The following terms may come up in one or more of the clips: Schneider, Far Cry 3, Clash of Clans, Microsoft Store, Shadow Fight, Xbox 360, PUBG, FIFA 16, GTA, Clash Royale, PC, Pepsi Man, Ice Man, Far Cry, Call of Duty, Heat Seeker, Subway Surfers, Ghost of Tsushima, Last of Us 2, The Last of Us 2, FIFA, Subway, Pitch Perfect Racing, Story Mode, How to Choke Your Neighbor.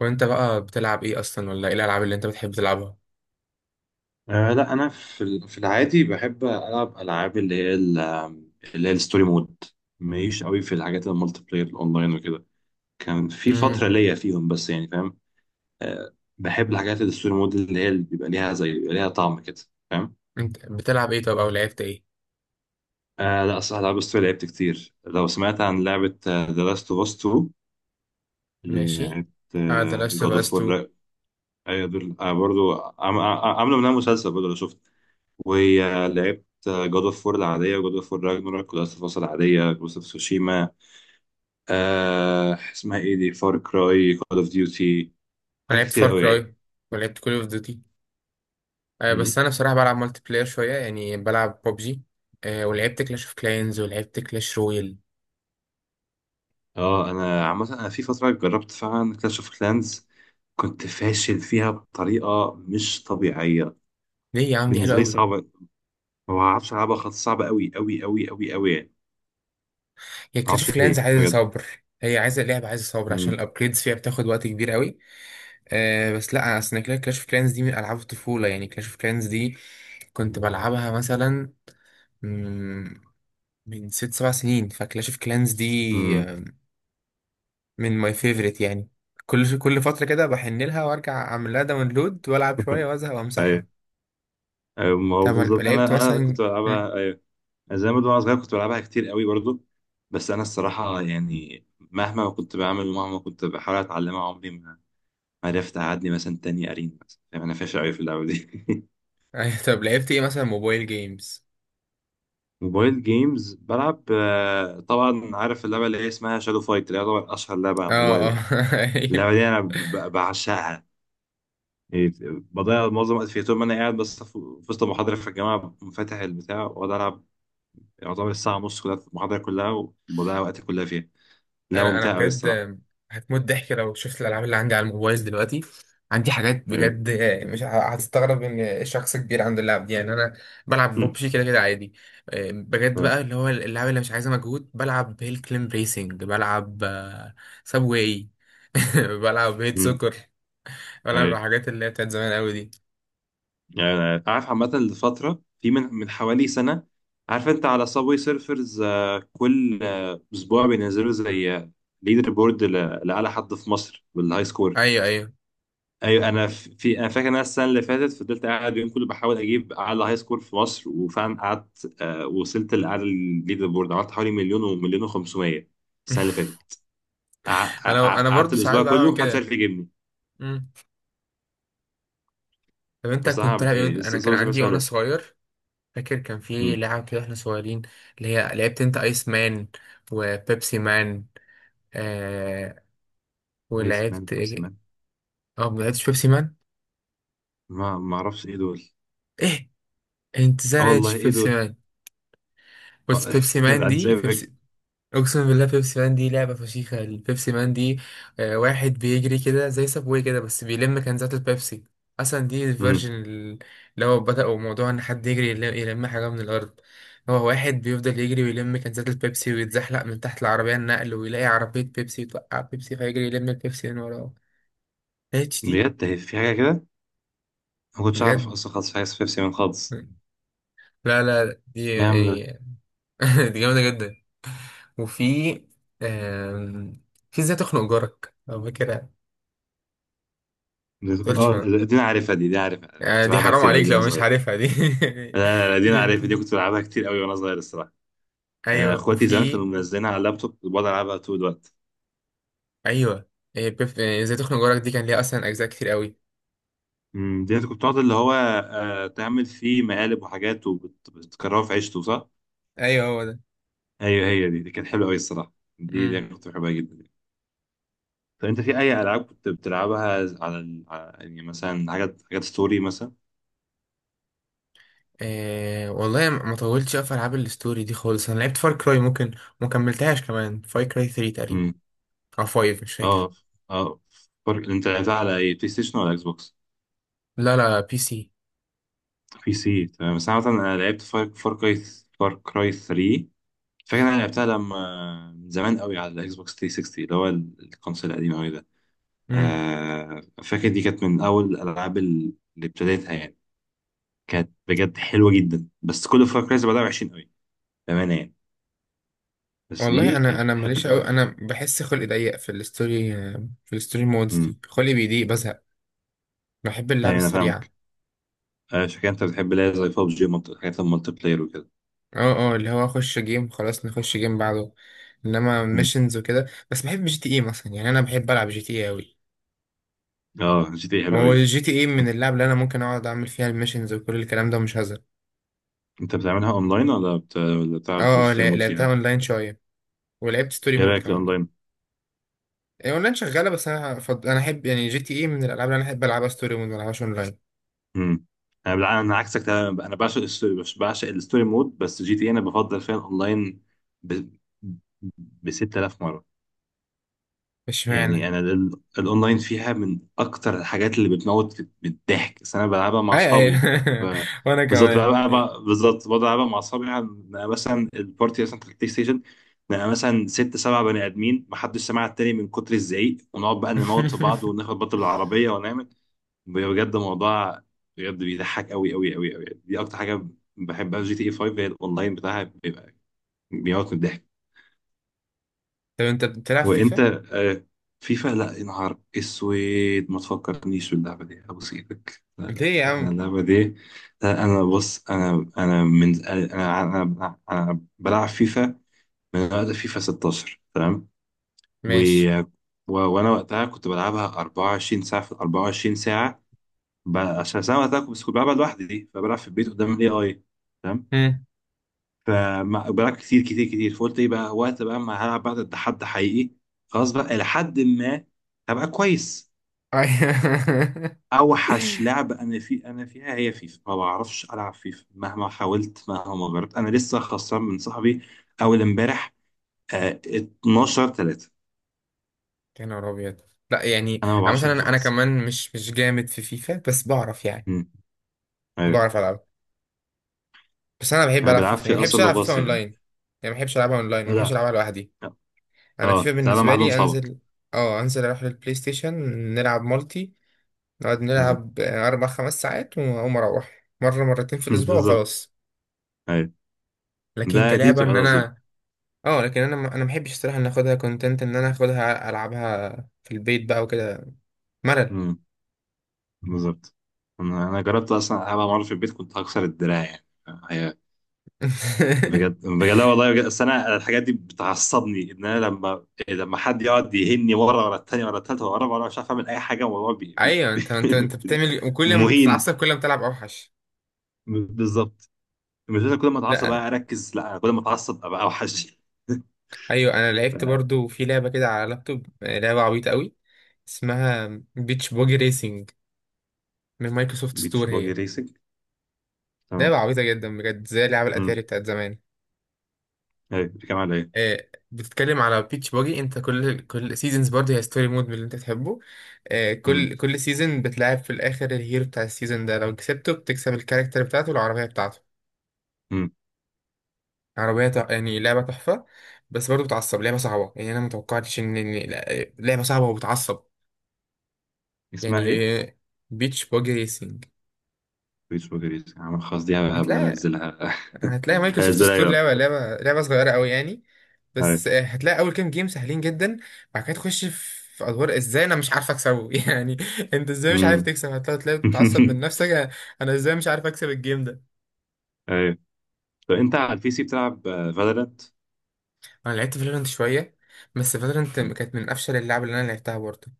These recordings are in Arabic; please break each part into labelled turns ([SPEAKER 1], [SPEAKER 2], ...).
[SPEAKER 1] وانت بقى بتلعب ايه اصلا، ولا ايه الالعاب اللي انت بتحب تلعبها؟
[SPEAKER 2] آه لا، انا في العادي بحب العب العاب اللي هي الستوري مود. ماليش قوي في الحاجات المالتي بلاير الاونلاين وكده. كان في فتره
[SPEAKER 1] امم
[SPEAKER 2] ليا فيهم، بس يعني فاهم. بحب الحاجات الستوري مود اللي بيبقى ليها طعم كده، فاهم.
[SPEAKER 1] انت بتلعب ايه طب، او لعبت ايه؟
[SPEAKER 2] آه لا صح، العاب الستوري لعبت كتير. لو سمعت عن لعبه ذا لاست اوف اس 2 اللي
[SPEAKER 1] ماشي.
[SPEAKER 2] بتاعت
[SPEAKER 1] اه، ذا لاست
[SPEAKER 2] جاد
[SPEAKER 1] اوف اس
[SPEAKER 2] اوف
[SPEAKER 1] 2.
[SPEAKER 2] وور. ايوه دول، برضو. عم- عم- عملوا منها مسلسل برضو لو شفت. ولعبت جود اوف وور العادية، وجود اوف وور راجناروك، ولاست اوف اس العادية، جوست اوف سوشيما. اسمها ايه دي، فار كراي، كول اوف ديوتي.
[SPEAKER 1] انا
[SPEAKER 2] حاجات
[SPEAKER 1] لعبت
[SPEAKER 2] كتير
[SPEAKER 1] فار
[SPEAKER 2] قوي يعني.
[SPEAKER 1] كراي ولعبت كول اوف ديوتي. آه، بس
[SPEAKER 2] مم.
[SPEAKER 1] انا بصراحه بلعب مالتي بلاير شويه، يعني بلعب ببجي. آه، ولعبت كلاش اوف كلاينز ولعبت كلاش رويال.
[SPEAKER 2] اه، انا عامة في فترة جربت فعلا كلاش اوف كلانز. كنت فاشل فيها بطريقة مش طبيعية.
[SPEAKER 1] ليه يا عم؟ دي حلوه
[SPEAKER 2] بالنسبة لي
[SPEAKER 1] قوي.
[SPEAKER 2] صعبة. ما بعرفش ألعبها خالص، صعبة أوي أوي أوي أوي أوي يعني.
[SPEAKER 1] هي
[SPEAKER 2] ما
[SPEAKER 1] كلاش
[SPEAKER 2] أعرفش
[SPEAKER 1] اوف كلاينز
[SPEAKER 2] ليه
[SPEAKER 1] عايزه
[SPEAKER 2] بجد.
[SPEAKER 1] صبر. هي عايزه لعبه، عايزه صبر، عشان
[SPEAKER 2] مم.
[SPEAKER 1] الابجريدز فيها بتاخد وقت كبير قوي. آه بس لا، اصل كلاش اوف كلاينز دي من العاب الطفوله، يعني كلاش اوف كلاينز دي كنت بلعبها مثلا من 6 7 سنين، فكلاش اوف كلانز دي
[SPEAKER 2] مم.
[SPEAKER 1] آه، من ماي فيفورت يعني. كل فترة كده بحن لها وارجع اعمل لها داونلود والعب شوية وازهق وامسحها.
[SPEAKER 2] أيوه. أيوه، ما هو
[SPEAKER 1] طب
[SPEAKER 2] بالظبط
[SPEAKER 1] لعبت
[SPEAKER 2] أنا كنت
[SPEAKER 1] مثلا
[SPEAKER 2] بلعبها. أيوه، زي ما وانا صغير كنت بلعبها كتير قوي برضو. بس انا الصراحه يعني، مهما كنت بعمل ومهما كنت بحاول اتعلمها، عمري ما عرفت اعدي مثلا تاني قرين مثلا، يعني انا فاشل قوي في اللعبه دي.
[SPEAKER 1] أيوة، طب لعبت ايه مثلا؟ موبايل جيمز؟
[SPEAKER 2] موبايل جيمز بلعب. طبعا عارف اللعبه اللي هي اسمها شادو فايت، اللي هي طبعا اشهر لعبه على
[SPEAKER 1] اه
[SPEAKER 2] الموبايل
[SPEAKER 1] اه.
[SPEAKER 2] يعني. اللعبه دي انا بعشقها يعني. بضيع معظم الوقت فيها طول ما انا قاعد، بس في وسط المحاضره في الجامعه، فاتح البتاع واقعد العب. يعتبر الساعه ونص كلها في المحاضره كلها. وبضيع وقتي كلها فيها. لعبه
[SPEAKER 1] انا
[SPEAKER 2] ممتعه قوي
[SPEAKER 1] بجد
[SPEAKER 2] الصراحه.
[SPEAKER 1] هتموت ضحك لو شفت الالعاب اللي عندي على الموبايل دلوقتي. عندي حاجات بجد. مش ه- هتستغرب ان شخص كبير عنده اللعب دي. يعني انا بلعب
[SPEAKER 2] إيه.
[SPEAKER 1] ببجي كده كده عادي. بجد
[SPEAKER 2] مم.
[SPEAKER 1] بقى، اللي هو اللعب اللي مش عايزه مجهود، بلعب هيل كليم ريسنج، بلعب سابواي. بلعب هيت
[SPEAKER 2] مم.
[SPEAKER 1] سكر، بلعب
[SPEAKER 2] ايوه،
[SPEAKER 1] حاجات اللي هي بتاعت زمان قوي دي.
[SPEAKER 2] يعني أنا عارف عامة، لفترة، في من حوالي سنة. عارف انت على صابوي سيرفرز، كل اسبوع بينزلوا زي ليدر بورد لأعلى حد في مصر بالهاي سكور.
[SPEAKER 1] ايوه ايوه.
[SPEAKER 2] ايوه. انا ف- في انا فاكر إن انا السنة اللي فاتت فضلت قاعد اليوم كله بحاول اجيب اعلى هاي سكور في مصر، وفعلا قعدت، وصلت لأعلى الليدر بورد، عملت حوالي مليون ومليون و500، السنة اللي فاتت.
[SPEAKER 1] انا انا
[SPEAKER 2] قعدت
[SPEAKER 1] برضو ساعات
[SPEAKER 2] الاسبوع
[SPEAKER 1] بعمل
[SPEAKER 2] كله، محدش
[SPEAKER 1] كده.
[SPEAKER 2] عارف يجيبني.
[SPEAKER 1] مم. طب انت
[SPEAKER 2] بس صراحة
[SPEAKER 1] كنت تلعب إيه؟ انا كان
[SPEAKER 2] صابوي
[SPEAKER 1] عندي
[SPEAKER 2] سيرفرز
[SPEAKER 1] وانا
[SPEAKER 2] حلو.
[SPEAKER 1] صغير، فاكر كان في
[SPEAKER 2] مم.
[SPEAKER 1] لعب كده احنا صغيرين، اللي هي لعبت انت ايس مان وبيبسي مان؟ آه،
[SPEAKER 2] ايس مان،
[SPEAKER 1] ولعبت
[SPEAKER 2] بيبسي
[SPEAKER 1] ايه؟
[SPEAKER 2] مان.
[SPEAKER 1] اه، ما لعبتش بيبسي مان.
[SPEAKER 2] ما اعرفش ايه دول.
[SPEAKER 1] ايه، انت ازاي
[SPEAKER 2] اه والله،
[SPEAKER 1] لعبتش
[SPEAKER 2] ايه
[SPEAKER 1] بيبسي
[SPEAKER 2] دول.
[SPEAKER 1] مان؟
[SPEAKER 2] آه.
[SPEAKER 1] بس بيبسي مان
[SPEAKER 2] عاد
[SPEAKER 1] دي،
[SPEAKER 2] سايبك.
[SPEAKER 1] اقسم بالله بيبسي مان دي لعبه فشيخه البيبسي مان دي. آه، واحد بيجري كده زي سابوي كده بس بيلم كنزات البيبسي. اصلا دي
[SPEAKER 2] امم.
[SPEAKER 1] الفيرجن اللي هو بدأوا موضوع ان حد يجري يلم حاجه من الارض. هو واحد بيفضل يجري ويلم كنزات البيبسي، ويتزحلق من تحت العربيه النقل، ويلاقي عربيه بيبسي توقع بيبسي فيجري يلم البيبسي من وراه. اتش دي.
[SPEAKER 2] بجد، هي في حاجه كده؟ ما كنتش اعرف
[SPEAKER 1] بجد،
[SPEAKER 2] اصلا خالص في حاجه اسمها بيبسي مان خالص.
[SPEAKER 1] لا لا، دي
[SPEAKER 2] إيه يا عم ده!
[SPEAKER 1] يعني دي جامده جدا. وفي آم، في ازاي تخنق جارك، لو فاكرها ما
[SPEAKER 2] ده-
[SPEAKER 1] تقولش.
[SPEAKER 2] اه دي انا عارفها دي دي عارفها
[SPEAKER 1] آه،
[SPEAKER 2] كنت
[SPEAKER 1] دي
[SPEAKER 2] بلعبها
[SPEAKER 1] حرام
[SPEAKER 2] كتير قوي،
[SPEAKER 1] عليك
[SPEAKER 2] دي وانا
[SPEAKER 1] لو مش
[SPEAKER 2] صغير.
[SPEAKER 1] عارفها دي.
[SPEAKER 2] لا لا لا، دي انا
[SPEAKER 1] دي,
[SPEAKER 2] عارفها،
[SPEAKER 1] دي.
[SPEAKER 2] دي كنت بلعبها كتير قوي وانا صغير الصراحه.
[SPEAKER 1] ايوه،
[SPEAKER 2] اخواتي زمان كانوا
[SPEAKER 1] وفي
[SPEAKER 2] منزلينها على اللابتوب، كنت بقعد العبها طول الوقت.
[SPEAKER 1] ايوه. إيه، ازاي تخنق جارك دي كان ليها اصلا اجزاء كتير قوي.
[SPEAKER 2] دي انت كنت بتقعد اللي هو تعمل فيه مقالب وحاجات وبتكررها في عيشته صح؟
[SPEAKER 1] ايوه هو ده.
[SPEAKER 2] ايوه، هي دي كانت حلوه قوي الصراحه. دي
[SPEAKER 1] امم.
[SPEAKER 2] أنا كنت بحبها جدا. طب انت في اي العاب كنت بتلعبها؟ يعني مثلا حاجات ستوري مثلا.
[SPEAKER 1] إيه والله، ما طولتش في العاب الستوري دي خالص. انا لعبت فار كراي، ممكن ما كملتهاش كمان، فار كراي 3 تقريبا
[SPEAKER 2] امم.
[SPEAKER 1] او 5، مش فاكر.
[SPEAKER 2] اه. اه. انت لعبتها على اي بلاي ستيشن ولا اكس بوكس؟
[SPEAKER 1] لا لا، بي سي.
[SPEAKER 2] بي سي، تمام. بس انا مثلا لعبت فار كراي. فار كراي 3. فاكر انا لعبتها لما، من زمان قوي، على الاكس بوكس 360 اللي هو الكونسول القديم قوي ده.
[SPEAKER 1] امم،
[SPEAKER 2] فاكر دي كانت من اول الالعاب اللي ابتديتها يعني. كانت بجد حلوه جدا، بس كل فار كرايز بعدها وحشين قوي. بامانه يعني. بس
[SPEAKER 1] والله
[SPEAKER 2] دي
[SPEAKER 1] انا
[SPEAKER 2] كانت
[SPEAKER 1] انا ماليش
[SPEAKER 2] حلوه
[SPEAKER 1] قوي.
[SPEAKER 2] قوي.
[SPEAKER 1] انا بحس خلقي ضيق في الستوري، في الستوري مودز
[SPEAKER 2] امم.
[SPEAKER 1] دي خلقي بيضيق بزهق. بحب اللعب
[SPEAKER 2] يعني انا فاهم.
[SPEAKER 1] السريعه.
[SPEAKER 2] عشان كده انت بتحب اللي هي زي ببجي، حاجات المالتي بلاير وكده.
[SPEAKER 1] اه اه، اللي هو اخش جيم خلاص، نخش جيم بعده. انما
[SPEAKER 2] مم.
[SPEAKER 1] ميشنز وكده، بس بحب جي تي اي مثلا، يعني انا بحب العب جي تي اي اوي.
[SPEAKER 2] اه، جي تي إيه حلو
[SPEAKER 1] هو
[SPEAKER 2] قوي بقى.
[SPEAKER 1] الجي تي اي من
[SPEAKER 2] انت
[SPEAKER 1] اللعب اللي انا ممكن اقعد اعمل فيها الميشنز وكل الكلام ده ومش هزهق.
[SPEAKER 2] انت بتعملها اونلاين ولا
[SPEAKER 1] اه
[SPEAKER 2] بتلعب
[SPEAKER 1] اه،
[SPEAKER 2] ستوري مود
[SPEAKER 1] لعبتها
[SPEAKER 2] فيها؟
[SPEAKER 1] اونلاين شويه ولعبت ستوري
[SPEAKER 2] ايه
[SPEAKER 1] مود
[SPEAKER 2] رايك في
[SPEAKER 1] كمان يعني.
[SPEAKER 2] الاونلاين؟
[SPEAKER 1] اونلاين شغاله، بس انا انا احب يعني جي تي اي من الالعاب اللي انا احب العبها ستوري مود، ما العبهاش اونلاين.
[SPEAKER 2] مم. انا عكسك تماما، انا بعشق الستوري مود، بس جي تي إيه انا بفضل فيها الاونلاين ب ب 6000 مره.
[SPEAKER 1] مش معنى.
[SPEAKER 2] يعني انا الاونلاين فيها من اكتر الحاجات اللي بتموت من الضحك، بس انا بلعبها مع
[SPEAKER 1] اي اي.
[SPEAKER 2] اصحابي. ف-
[SPEAKER 1] وانا كمان.
[SPEAKER 2] بالظبط بقعد العبها مع اصحابي مثلا البارتي مثلا في البلاي ستيشن. نبقى مثلا ست سبع بني ادمين، محدش سمع التاني من كتر الزعيق، ونقعد بقى نموت في بعض، وناخد بط بالعربيه ونعمل. بجد موضوع، بجد بيضحك قوي قوي قوي قوي. دي اكتر حاجه بحبها في جي تي اي 5، هي الاونلاين بتاعها بيبقى بيموت من الضحك.
[SPEAKER 1] طب انت بتلعب
[SPEAKER 2] وانت.
[SPEAKER 1] فيفا؟
[SPEAKER 2] آه، فيفا لا يا نهار اسود. ما تفكرنيش باللعبه دي ابوس ايدك. لا لا
[SPEAKER 1] ليه يا
[SPEAKER 2] لا، انا
[SPEAKER 1] عم؟
[SPEAKER 2] اللعبه دي. لا، انا بص، انا انا من انا انا, أنا بلعب فيفا من وقت فيفا 16 تمام. و...
[SPEAKER 1] ماشي.
[SPEAKER 2] وانا وقتها كنت بلعبها 24 ساعه في ال 24 ساعه. عشان ساعه وقتها كنت بس بلعبها لوحدي دي، فبلعب في البيت قدام الاي. اي.
[SPEAKER 1] مم.
[SPEAKER 2] فبلعب كتير كتير كتير، فقلت ايه بقى، وقت بقى ما هلعب بقى ضد حد حقيقي. خلاص بقى، إلى حد ما هبقى كويس.
[SPEAKER 1] أي.
[SPEAKER 2] اوحش لعبة انا فيها هي فيفا، ما بعرفش العب فيفا مهما حاولت مهما جربت، انا لسه خسران من صاحبي اول امبارح. 12-3.
[SPEAKER 1] يا نهار ابيض. لا يعني
[SPEAKER 2] انا ما
[SPEAKER 1] انا
[SPEAKER 2] بعرفش العب فيفا
[SPEAKER 1] مثلا انا
[SPEAKER 2] خالص.
[SPEAKER 1] كمان مش جامد في فيفا، بس بعرف يعني،
[SPEAKER 2] امم. ايوه.
[SPEAKER 1] بعرف العب. بس انا بحب
[SPEAKER 2] انا
[SPEAKER 1] العب فيفا وما
[SPEAKER 2] بالعافية
[SPEAKER 1] بحبش
[SPEAKER 2] اصلا
[SPEAKER 1] العب فيفا
[SPEAKER 2] بباص
[SPEAKER 1] اونلاين.
[SPEAKER 2] يعني.
[SPEAKER 1] يعني ما بحبش العبها اونلاين، ما بحبش
[SPEAKER 2] لا.
[SPEAKER 1] العبها لوحدي. انا
[SPEAKER 2] اه،
[SPEAKER 1] فيفا
[SPEAKER 2] تلعبها مع
[SPEAKER 1] بالنسبه
[SPEAKER 2] حد من
[SPEAKER 1] لي
[SPEAKER 2] صحابك.
[SPEAKER 1] انزل، اه انزل اروح للبلاي ستيشن، نلعب مالتي، نقعد
[SPEAKER 2] مم.
[SPEAKER 1] نلعب آه، 4 5 ساعات، واقوم اروح مره مرتين في الاسبوع
[SPEAKER 2] بالظبط.
[SPEAKER 1] وخلاص.
[SPEAKER 2] ايوه.
[SPEAKER 1] لكن
[SPEAKER 2] ده، دي
[SPEAKER 1] كلعبه
[SPEAKER 2] بتبقى
[SPEAKER 1] ان
[SPEAKER 2] لطيفة.
[SPEAKER 1] انا، اه لكن انا انا ما بحبش الصراحه ان اخدها كونتنت، ان انا اخدها العبها في البيت بقى وكده. ملل.
[SPEAKER 2] بالظبط. انا جربت اصلا، ابقى مره في البيت كنت هكسر الدراع يعني. هي بجد بجد، لا والله، بجد. أصل انا الحاجات دي بتعصبني، ان انا لما حد يقعد يهني ورا ورا التاني ورا التالتة ورا ورا، مش عارف اعمل اي حاجه والموضوع.
[SPEAKER 1] ايوه، انت انت انت بتعمل، وكل ما
[SPEAKER 2] مهين.
[SPEAKER 1] تتعصب كل ما تلعب اوحش.
[SPEAKER 2] بالظبط. مش لازم كل ما اتعصب
[SPEAKER 1] لا،
[SPEAKER 2] بقى اركز، لا انا كل ما اتعصب ابقى اوحش.
[SPEAKER 1] ايوه، انا لعبت
[SPEAKER 2] ف-
[SPEAKER 1] برضو في لعبه كده على لابتوب، آه، لعبه عبيطه قوي، اسمها بيتش بوجي ريسنج، من مايكروسوفت
[SPEAKER 2] بيتش
[SPEAKER 1] ستور
[SPEAKER 2] باجي
[SPEAKER 1] هي.
[SPEAKER 2] ريسنج، تمام.
[SPEAKER 1] لعبه عبيطه جدا بجد، زي لعبه
[SPEAKER 2] امم
[SPEAKER 1] الاتاري بتاعت زمان.
[SPEAKER 2] ايه دي كمان على ايه؟
[SPEAKER 1] آه، بتتكلم على بيتش بوجي، انت كل سيزونز برضو، هي ستوري مود من اللي انت تحبه. آه،
[SPEAKER 2] امم.
[SPEAKER 1] كل سيزون بتلعب في الاخر الهيرو بتاع السيزون ده، لو كسبته بتكسب الكاركتر بتاعته والعربيه بتاعته.
[SPEAKER 2] امم.
[SPEAKER 1] يعني لعبة تحفة. بس برضه بتعصب، لعبة صعبة، يعني أنا متوقعتش إن إن لا- لعبة صعبة وبتعصب
[SPEAKER 2] اسمها
[SPEAKER 1] يعني.
[SPEAKER 2] ايه؟
[SPEAKER 1] بيتش باجي ريسنج.
[SPEAKER 2] بيتش باجي ريسنج، عمل خلاص، دي هبقى
[SPEAKER 1] هتلاقي
[SPEAKER 2] انزلها.
[SPEAKER 1] هتلاقي مايكروسوفت
[SPEAKER 2] هنزلها
[SPEAKER 1] ستور، لعبة
[SPEAKER 2] يلا.
[SPEAKER 1] لعبة لعبة صغيرة أوي يعني. بس هتلاقي أول كام جيم سهلين جدا، بعد كده تخش في أدوار إزاي أنا مش عارف أكسبه. يعني أنت إزاي مش عارف
[SPEAKER 2] ايوه.
[SPEAKER 1] تكسب؟ هتلاقي تلاقي بتتعصب من نفسك. أنا إزاي مش عارف أكسب الجيم ده؟
[SPEAKER 2] ايوه. طب انت على البي سي بتلعب فالورانت؟
[SPEAKER 1] أنا لعبت فالورانت شوية، بس فالورانت كانت من أفشل اللعب اللي أنا لعبتها برضه.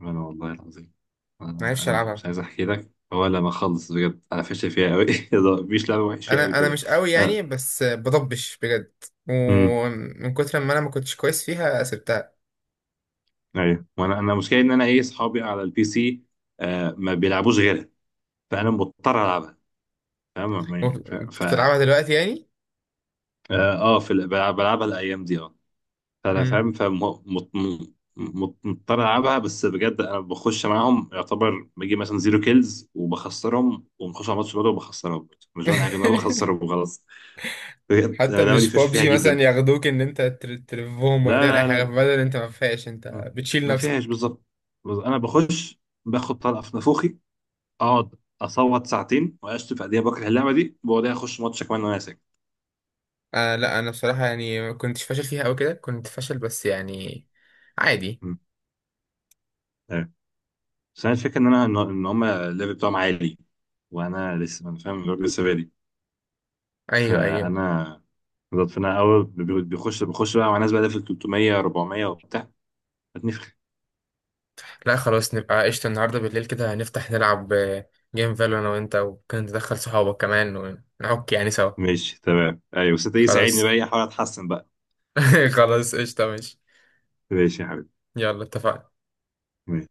[SPEAKER 2] انا والله العظيم، انا
[SPEAKER 1] معرفش
[SPEAKER 2] أنا
[SPEAKER 1] ألعبها.
[SPEAKER 2] مش عايز احكي لك، هو لما خلص، بجد انا فاشل فيها قوي. مفيش لعبه وحش فيها قوي
[SPEAKER 1] انا
[SPEAKER 2] كده.
[SPEAKER 1] مش قوي يعني،
[SPEAKER 2] أنا-
[SPEAKER 1] بس بضبش بجد.
[SPEAKER 2] امم.
[SPEAKER 1] ومن كتر ما انا ما كنتش كويس فيها سبتها.
[SPEAKER 2] ايوه، وانا المشكله ان انا ايه اصحابي على البي سي. آه، ما بيلعبوش غيرها. فانا مضطر العبها، فاهم يعني. ف ف اه
[SPEAKER 1] بتلعبها دلوقتي يعني.
[SPEAKER 2] بلعبها الايام دي. فانا
[SPEAKER 1] مم.
[SPEAKER 2] فاهم، فمضطر العبها، بس بجد انا بخش معاهم يعتبر بجيب مثلا زيرو كيلز وبخسرهم، وبنخش على ماتش برضه وبخسرهم برضه. مش بعمل حاجه، انا بخسرهم وخلاص. بجد أنا
[SPEAKER 1] حتى
[SPEAKER 2] اللعبه دي
[SPEAKER 1] مش
[SPEAKER 2] فيش فيها
[SPEAKER 1] بابجي مثلا
[SPEAKER 2] جدا.
[SPEAKER 1] ياخدوك ان انت تلفهم ولا
[SPEAKER 2] لا
[SPEAKER 1] تعمل اي
[SPEAKER 2] لا
[SPEAKER 1] حاجه، في
[SPEAKER 2] لا
[SPEAKER 1] بدل انت ما فيهاش
[SPEAKER 2] لا.
[SPEAKER 1] انت، بتشيل
[SPEAKER 2] ما فيهاش
[SPEAKER 1] نفسك.
[SPEAKER 2] بالظبط. بس انا بخش، باخد طلقه في نافوخي، اقعد اصوت ساعتين واشتم في قد ايه بكره اللعبه دي، وبعدها اخش ماتش كمان وانا ساكت.
[SPEAKER 1] آه لا، انا بصراحه يعني ما كنتش فاشل فيها او كده، كنت فاشل بس يعني عادي.
[SPEAKER 2] م. أيوة. بس انا الفكره ان هم الليفل بتاعهم عالي. وانا لسه فاهم لسه بادئ.
[SPEAKER 1] ايوه ايوه.
[SPEAKER 2] فانا. بالظبط. فانا اول بي- بيخش بخش بقى مع ناس بقى في 300 400 وبتاع. هتنفخ.
[SPEAKER 1] لا خلاص، نبقى قشطه النهارده بالليل كده نفتح نلعب آه، جيم فالو، انا وانت، وممكن تدخل صحابك كمان ونعك يعني سوا.
[SPEAKER 2] ماشي تمام. ايوه، بس انت ايه ساعدني
[SPEAKER 1] خلاص.
[SPEAKER 2] بقى، ايه احاول اتحسن بقى.
[SPEAKER 1] خلاص قشطة، ماشي.
[SPEAKER 2] ماشي يا حبيبي
[SPEAKER 1] يلا اتفقنا.
[SPEAKER 2] ماشي.